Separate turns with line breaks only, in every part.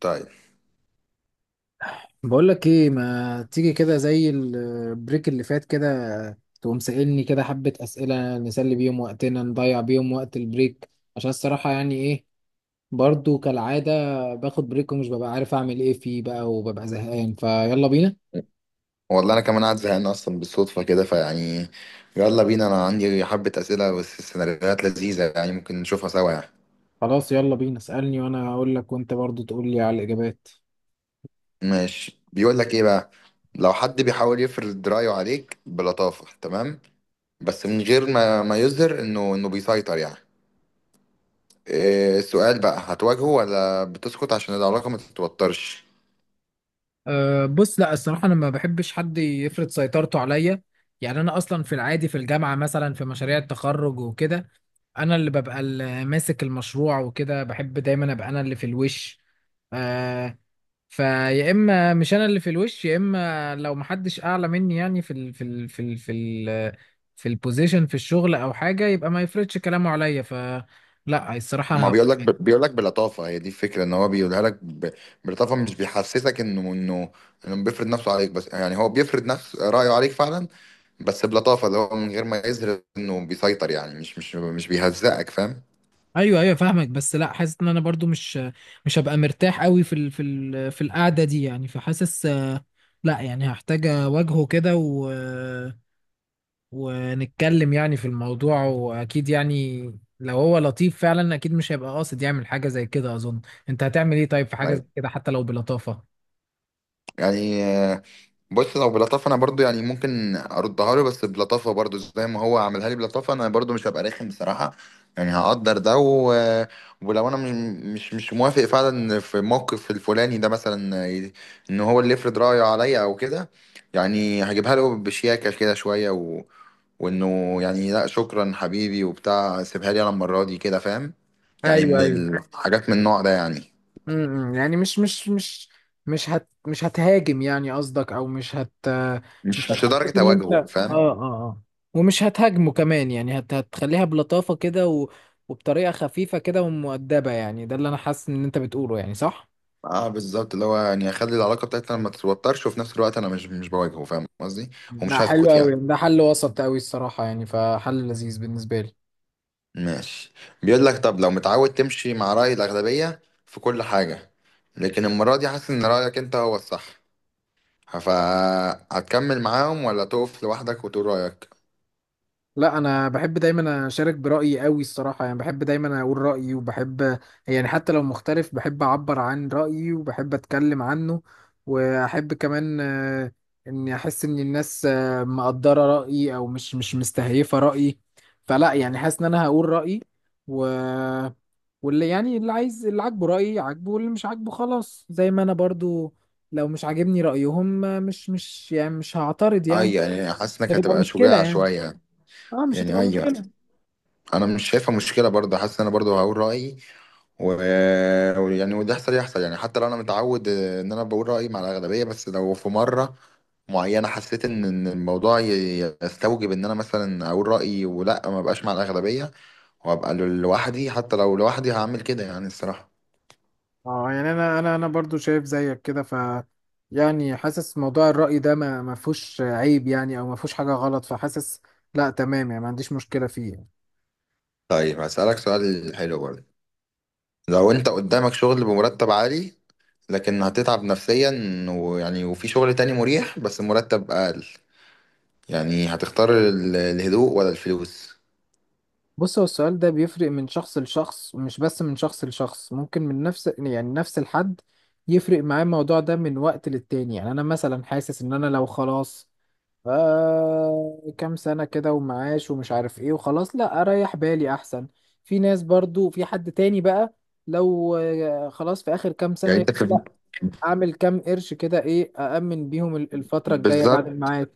طيب.
بقول لك ايه، ما تيجي كده زي البريك اللي فات كده، تقوم سائلني كده حبة أسئلة نسلي بيهم وقتنا، نضيع بيهم وقت البريك؟ عشان الصراحة ايه، برضو كالعادة باخد بريك ومش ببقى عارف أعمل ايه فيه بقى، وببقى زهقان. فيلا بينا.
والله انا كمان قاعد زهقان اصلا بالصدفه كده يلا بينا، انا عندي حبه اسئله بس، سيناريوهات لذيذه يعني ممكن نشوفها سوا يعني.
خلاص يلا بينا، اسألني وأنا هقول لك، وأنت برضو تقول لي على الإجابات.
ماشي، بيقول لك ايه بقى: لو حد بيحاول يفرض رايه عليك بلطافه، تمام، بس من غير ما يظهر انه بيسيطر يعني، إيه؟ السؤال بقى، هتواجهه ولا بتسكت عشان العلاقه ما تتوترش؟
أه بص، لا الصراحة أنا ما بحبش حد يفرض سيطرته عليا. أنا أصلا في العادي في الجامعة مثلا في مشاريع التخرج وكده، أنا اللي ببقى اللي ماسك المشروع وكده، بحب دايما أبقى أنا اللي في الوش. أه. فيا إما مش أنا اللي في الوش، يا إما لو محدش أعلى مني في البوزيشن في الشغل أو حاجة، يبقى ما يفرضش كلامه عليا، فلا
ما
الصراحة.
بيقول لك، بيقول لك بلطافه، هي دي الفكره، ان هو بيقولها لك بلطافه، مش بيحسسك انه بيفرض نفسه عليك، بس يعني هو بيفرض نفس رايه عليك فعلا، بس بلطافه، اللي هو من غير ما يظهر انه بيسيطر يعني مش بيهزقك، فاهم؟
ايوه ايوه فاهمك، بس لا حاسس ان انا برضو مش هبقى مرتاح قوي في في القعده دي، فحاسس لا، هحتاج اواجهه كده ونتكلم في الموضوع، واكيد لو هو لطيف فعلا، اكيد مش هيبقى قاصد يعمل حاجه زي كده، اظن. انت هتعمل ايه طيب في حاجه زي
أيوه.
كده حتى لو بلطافه؟
يعني بص، لو بلطافه انا برضو يعني ممكن اردها له بس بلطافه برضو، زي ما هو عملها لي بلطافه، انا برضو مش هبقى رخم بصراحه. يعني هقدر ده و... ولو انا مش موافق فعلا في الموقف الفلاني ده مثلا، ان هو اللي يفرض رايه عليا او كده، يعني هجيبها له بشياكه كده شويه و... وانه يعني لا شكرا حبيبي وبتاع، سيبها لي انا المره دي كده، فاهم؟ يعني
ايوه
من
ايوه.
الحاجات من النوع ده يعني.
امم امم. يعني مش مش مش مش هتهاجم قصدك، او مش
مش
هتحسسك
لدرجه
ان انت
اواجهه، فاهم؟
ومش هتهاجمه كمان، هتخليها بلطافة كده وبطريقة خفيفة كده ومؤدبة، ده اللي انا حاسس ان انت بتقوله، صح؟
اه بالظبط، اللي هو يعني اخلي العلاقه بتاعتنا ما تتوترش، وفي نفس الوقت انا مش بواجهه، فاهم قصدي؟
لا
ومش
حلو
هسكت يعني.
قوي، ده حل وسط قوي الصراحة، فحل لذيذ بالنسبة لي.
ماشي. بيقول لك: طب لو متعود تمشي مع راي الاغلبيه في كل حاجه، لكن المره دي حاسس ان رايك انت هو الصح، فهتكمل معاهم ولا تقف لوحدك وتقول رايك؟
لا انا بحب دايما اشارك برايي قوي الصراحه، بحب دايما اقول رايي، وبحب حتى لو مختلف بحب اعبر عن رايي، وبحب اتكلم عنه. واحب كمان اني احس ان الناس مقدره رايي، او مش مستهيفه رايي. فلا حاسس ان انا هقول رايي، و واللي يعني اللي عايز، اللي عاجبه رايي عاجبه، واللي مش عاجبه خلاص. زي ما انا برضو لو مش عاجبني رايهم مش هعترض يعني.
اي يعني، حاسس
مش
انك
هتبقى
هتبقى
مشكله
شجاع
يعني.
شويه.
اه مش
يعني
هتبقى
ايوه،
مشكله.
انا مش شايفها مشكله برضه، حاسس ان انا برضه هقول رايي و... ويعني وده يحصل يحصل، يعني حتى لو انا متعود ان انا بقول رايي مع الاغلبيه، بس لو في مره معينه حسيت ان إن الموضوع يستوجب ان انا مثلا اقول رايي ولا ما بقاش مع الاغلبيه، وابقى لوحدي، حتى لو لوحدي هعمل كده يعني الصراحه.
اه انا انا برضو شايف زيك كده، ف حاسس موضوع الرأي ده ما فيهوش عيب يعني، او ما فيهوش حاجة غلط، فحاسس لا تمام، ما عنديش مشكلة فيه يعني.
طيب، هسالك سؤال حلو برضه. لو انت قدامك شغل بمرتب عالي لكن هتتعب نفسيا، ويعني وفي شغل تاني مريح بس مرتب اقل، يعني هتختار الهدوء ولا الفلوس؟
بص، هو السؤال ده بيفرق من شخص لشخص، ومش بس من شخص لشخص، ممكن من نفس نفس الحد يفرق معاه الموضوع ده من وقت للتاني. يعني انا مثلا حاسس ان انا لو خلاص كام سنة كده ومعاش ومش عارف ايه وخلاص، لا اريح بالي احسن. في ناس برضو، في حد تاني بقى لو خلاص في اخر كام سنة،
يعني انت
يقول لا اعمل كام قرش كده، ايه، أأمن بيهم الفترة الجاية بعد
بالظبط.
المعاش.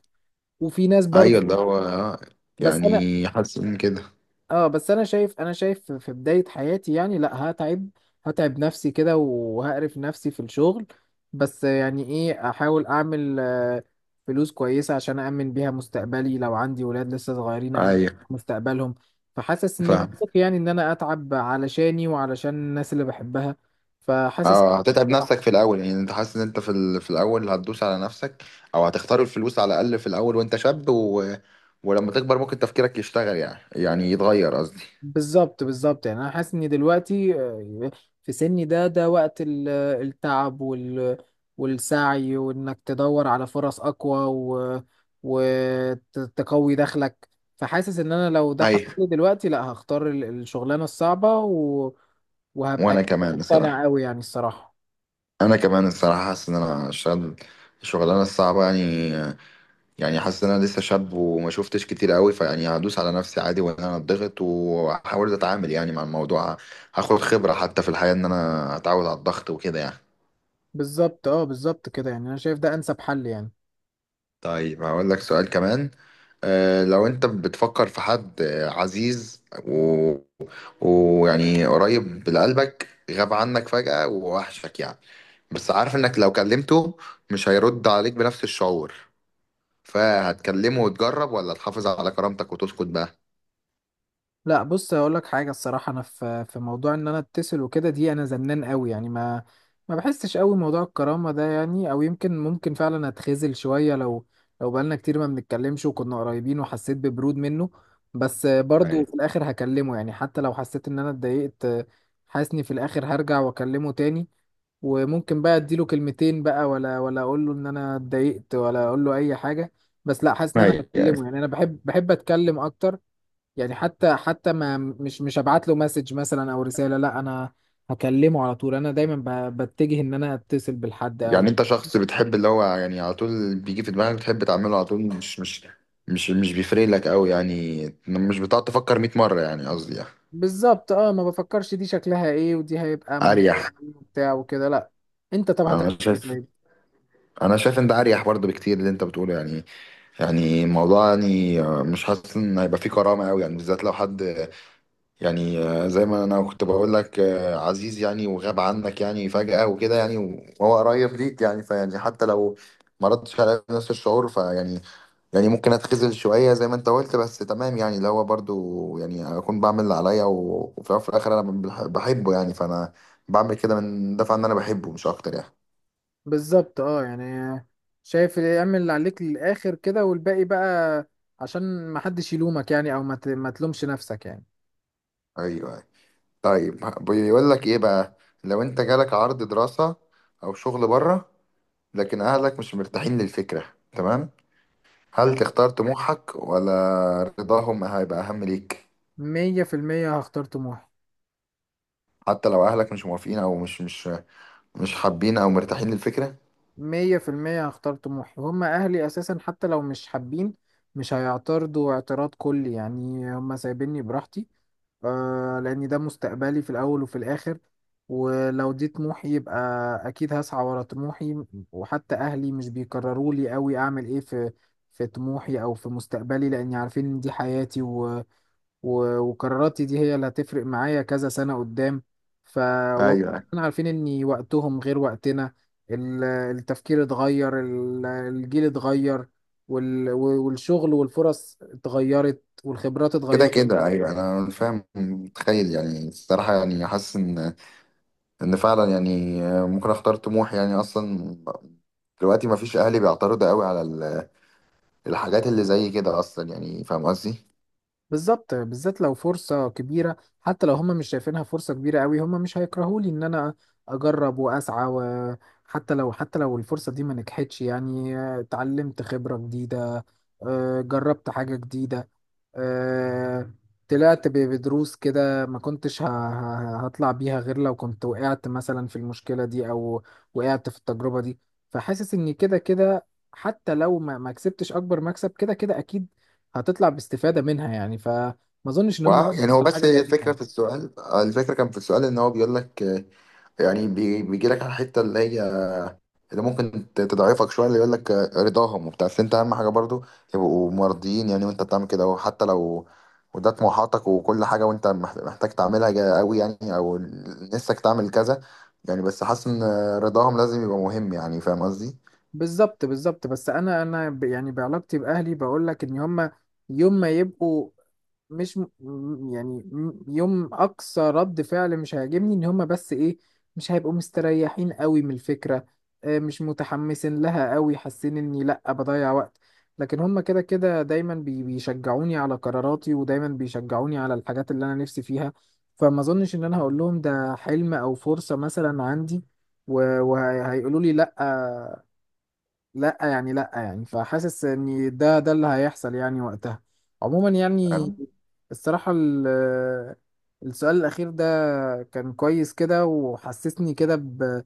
وفي ناس
ايوه،
برضو.
اللي هو
بس انا،
يعني حاسس ان كده.
اه بس انا شايف، انا شايف في بداية حياتي لا هتعب، هتعب نفسي كده وهقرف نفسي في الشغل، بس ايه، احاول اعمل فلوس كويسة عشان أأمن بيها مستقبلي، لو عندي ولاد لسه صغيرين أأمن
ايوه
مستقبلهم. فحاسس اني
فاهم.
منطقي ان انا اتعب علشاني وعلشان الناس اللي بحبها، فحاسس.
اه هتتعب نفسك في الاول، يعني انت حاسس ان انت في ال... في الاول هتدوس على نفسك، او هتختار الفلوس على الاقل في الاول وانت شاب و... ولما تكبر ممكن تفكيرك يشتغل، يعني يعني يتغير قصدي.
بالظبط بالظبط، انا حاسس ان دلوقتي في سني ده، ده وقت التعب والسعي، وانك تدور على فرص اقوى و وتقوي دخلك. فحاسس ان انا لو ده حصل
ايوه
لي دلوقتي، لا هختار الشغلانه الصعبه وهبقى
وانا كمان بصراحه،
مقتنع قوي، الصراحه.
انا كمان الصراحه حاسس ان انا اشتغل الشغلانه الصعبه يعني. يعني حاسس ان انا لسه شاب وما شفتش كتير قوي، فيعني هدوس على نفسي عادي وان انا اتضغط، وهحاول اتعامل يعني مع الموضوع، هاخد خبرة حتى في الحياة ان انا اتعود على الضغط وكده يعني.
بالظبط اه بالظبط كده، انا شايف ده انسب حل يعني.
طيب، هقول لك سؤال كمان. لو انت بتفكر في حد عزيز ويعني قريب لقلبك، غاب عنك فجأة ووحشك يعني، بس عارف انك لو كلمته مش هيرد عليك بنفس الشعور، فهتكلمه وتجرب ولا تحافظ على كرامتك وتسكت بقى؟
لا بص، اقول لك حاجه الصراحه، انا في في موضوع ان انا اتصل وكده دي، انا زنان قوي، ما بحسش قوي موضوع الكرامه ده يعني. او يمكن ممكن فعلا اتخذل شويه، لو بقالنا كتير ما بنتكلمش وكنا قريبين، وحسيت ببرود منه. بس برضه في
ايوه
الاخر هكلمه، حتى لو حسيت ان انا اتضايقت. حاسني في الاخر هرجع واكلمه تاني. وممكن بقى اديله كلمتين بقى، ولا اقول له ان انا اتضايقت، ولا اقول له اي حاجه. بس لا حاسس ان انا هكلمه.
ايوه.
يعني انا بحب اتكلم اكتر. يعني حتى حتى ما مش هبعت له مسج مثلا او رسالة، لا انا هكلمه على طول. انا دايما بتجه ان انا اتصل بالحد قوي.
يعني انت شخص بتحب اللي هو يعني على طول بيجي في دماغك بتحب تعمله على طول، مش بيفرق لك قوي يعني، مش بتقعد تفكر 100 مرة يعني قصدي يعني.
بالظبط، اه ما بفكرش دي شكلها ايه، ودي هيبقى منطقة
اريح.
ايه وبتاع وكده، لا. انت طب
انا
هتعمل ايه
شايف،
طيب؟
انا شايف انت اريح برضه بكتير اللي انت بتقوله يعني. يعني الموضوع يعني مش حاسس ان هيبقى فيه كرامة قوي يعني، بالذات لو حد يعني زي ما انا كنت بقول لك، عزيز يعني وغاب عنك يعني فجأة وكده يعني، وهو قريب ليك يعني، فيعني حتى لو ما ردش على نفس الشعور، فيعني يعني ممكن اتخذل شوية زي ما انت قلت، بس تمام يعني، اللي هو برضو يعني اكون بعمل اللي عليا، وفي الأول وفي الاخر انا بحبه يعني، فانا بعمل كده من دفع ان انا بحبه مش اكتر يعني.
بالظبط، اه شايف اعمل اللي عليك للاخر كده، والباقي بقى عشان ما حدش يلومك يعني، او ما تلومش نفسك يعني.
ايوه أيوة. طيب، بيقول لك ايه بقى: لو انت جالك عرض دراسة او شغل بره، لكن اهلك مش مرتاحين للفكرة، تمام، هل
تمام.
تختار طموحك ولا رضاهم هيبقى اهم ليك؟
مية في المية هختار طموحي.
حتى لو اهلك مش موافقين او مش حابين او مرتاحين للفكرة.
مية في المية هختار طموحي. هما أهلي أساسا حتى لو مش حابين، مش هيعترضوا اعتراض كلي، هما سايبيني براحتي. آه، لأن ده مستقبلي في الأول وفي الآخر، ولو دي طموحي، يبقى أكيد هسعى ورا طموحي. وحتى أهلي مش بيكرروا لي أوي أعمل إيه في في طموحي أو في مستقبلي، لأني عارفين إن دي حياتي، وقراراتي دي هي اللي هتفرق معايا كذا سنة قدام. ف
ايوه
احنا عارفين ان وقتهم غير وقتنا. التفكير اتغير، الجيل اتغير، والشغل والفرص اتغيرت والخبرات
كده
اتغيرت.
كده. ايوه انا فاهم متخيل يعني الصراحه، يعني حاسس ان ان فعلا يعني ممكن اختار طموح يعني. اصلا دلوقتي ما فيش اهلي بيعترضوا قوي على الحاجات اللي زي كده اصلا، يعني فاهم قصدي.
بالظبط، بالذات لو فرصة كبيرة. حتى لو هم مش شايفينها فرصة كبيرة قوي، هم مش هيكرهولي ان انا اجرب واسعى. وحتى لو حتى لو الفرصة دي ما نجحتش، اتعلمت خبرة جديدة، اه، جربت حاجة جديدة، آه، طلعت بدروس كده ما كنتش هطلع بيها غير لو كنت وقعت مثلا في المشكلة دي، أو وقعت في التجربة دي. فحاسس إن كده كده حتى لو ما كسبتش أكبر مكسب، كده كده أكيد هتطلع باستفادة منها، فما أظنش إن هم
واه يعني هو
على
بس
حاجة زي دي.
الفكره في السؤال، الفكره كان في السؤال ان هو بيقول لك يعني، بيجي لك على الحته اللي هي اللي ممكن تضعفك شويه، اللي يقول لك رضاهم وبتاع، بس انت اهم حاجه برضو يبقوا مرضيين يعني وانت بتعمل كده، وحتى لو وده طموحاتك وكل حاجه، وانت محتاج تعملها قوي يعني، او نفسك تعمل كذا يعني، بس حاسس ان رضاهم لازم يبقى مهم يعني، فاهم قصدي؟
بالظبط بالظبط. بس انا بعلاقتي باهلي بقول لك ان هم يوم ما يبقوا مش م... م- يعني م- يوم اقصى رد فعل مش هيعجبني ان هم بس ايه، مش هيبقوا مستريحين قوي من الفكره، مش متحمسين لها قوي، حاسين اني لا بضيع وقت. لكن هم كده كده دايما بيشجعوني على قراراتي، ودايما بيشجعوني على الحاجات اللي انا نفسي فيها. فما اظنش ان انا هقول لهم ده حلم او فرصه مثلا عندي، وهيقولوا لي لا. لا يعني لا يعني، فحاسس ان ده ده اللي هيحصل يعني وقتها. عموما يعني
أنا
الصراحة السؤال الأخير ده كان كويس كده، وحسسني كده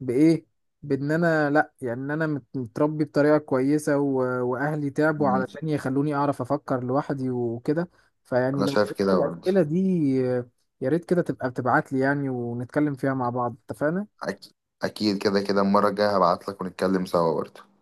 بإيه، بإن أنا لأ، إن أنا متربي بطريقة كويسة وأهلي تعبوا
مم.
علشان يخلوني أعرف أفكر لوحدي وكده. فيعني
أنا
لو
شايف
لقيت
كده برضه.
الأسئلة دي يا ريت كده تبقى بتبعت لي، ونتكلم فيها مع بعض، اتفقنا؟
أك- اكيد، كده كده المره الجايه هبعت لك ونتكلم سوا برضه.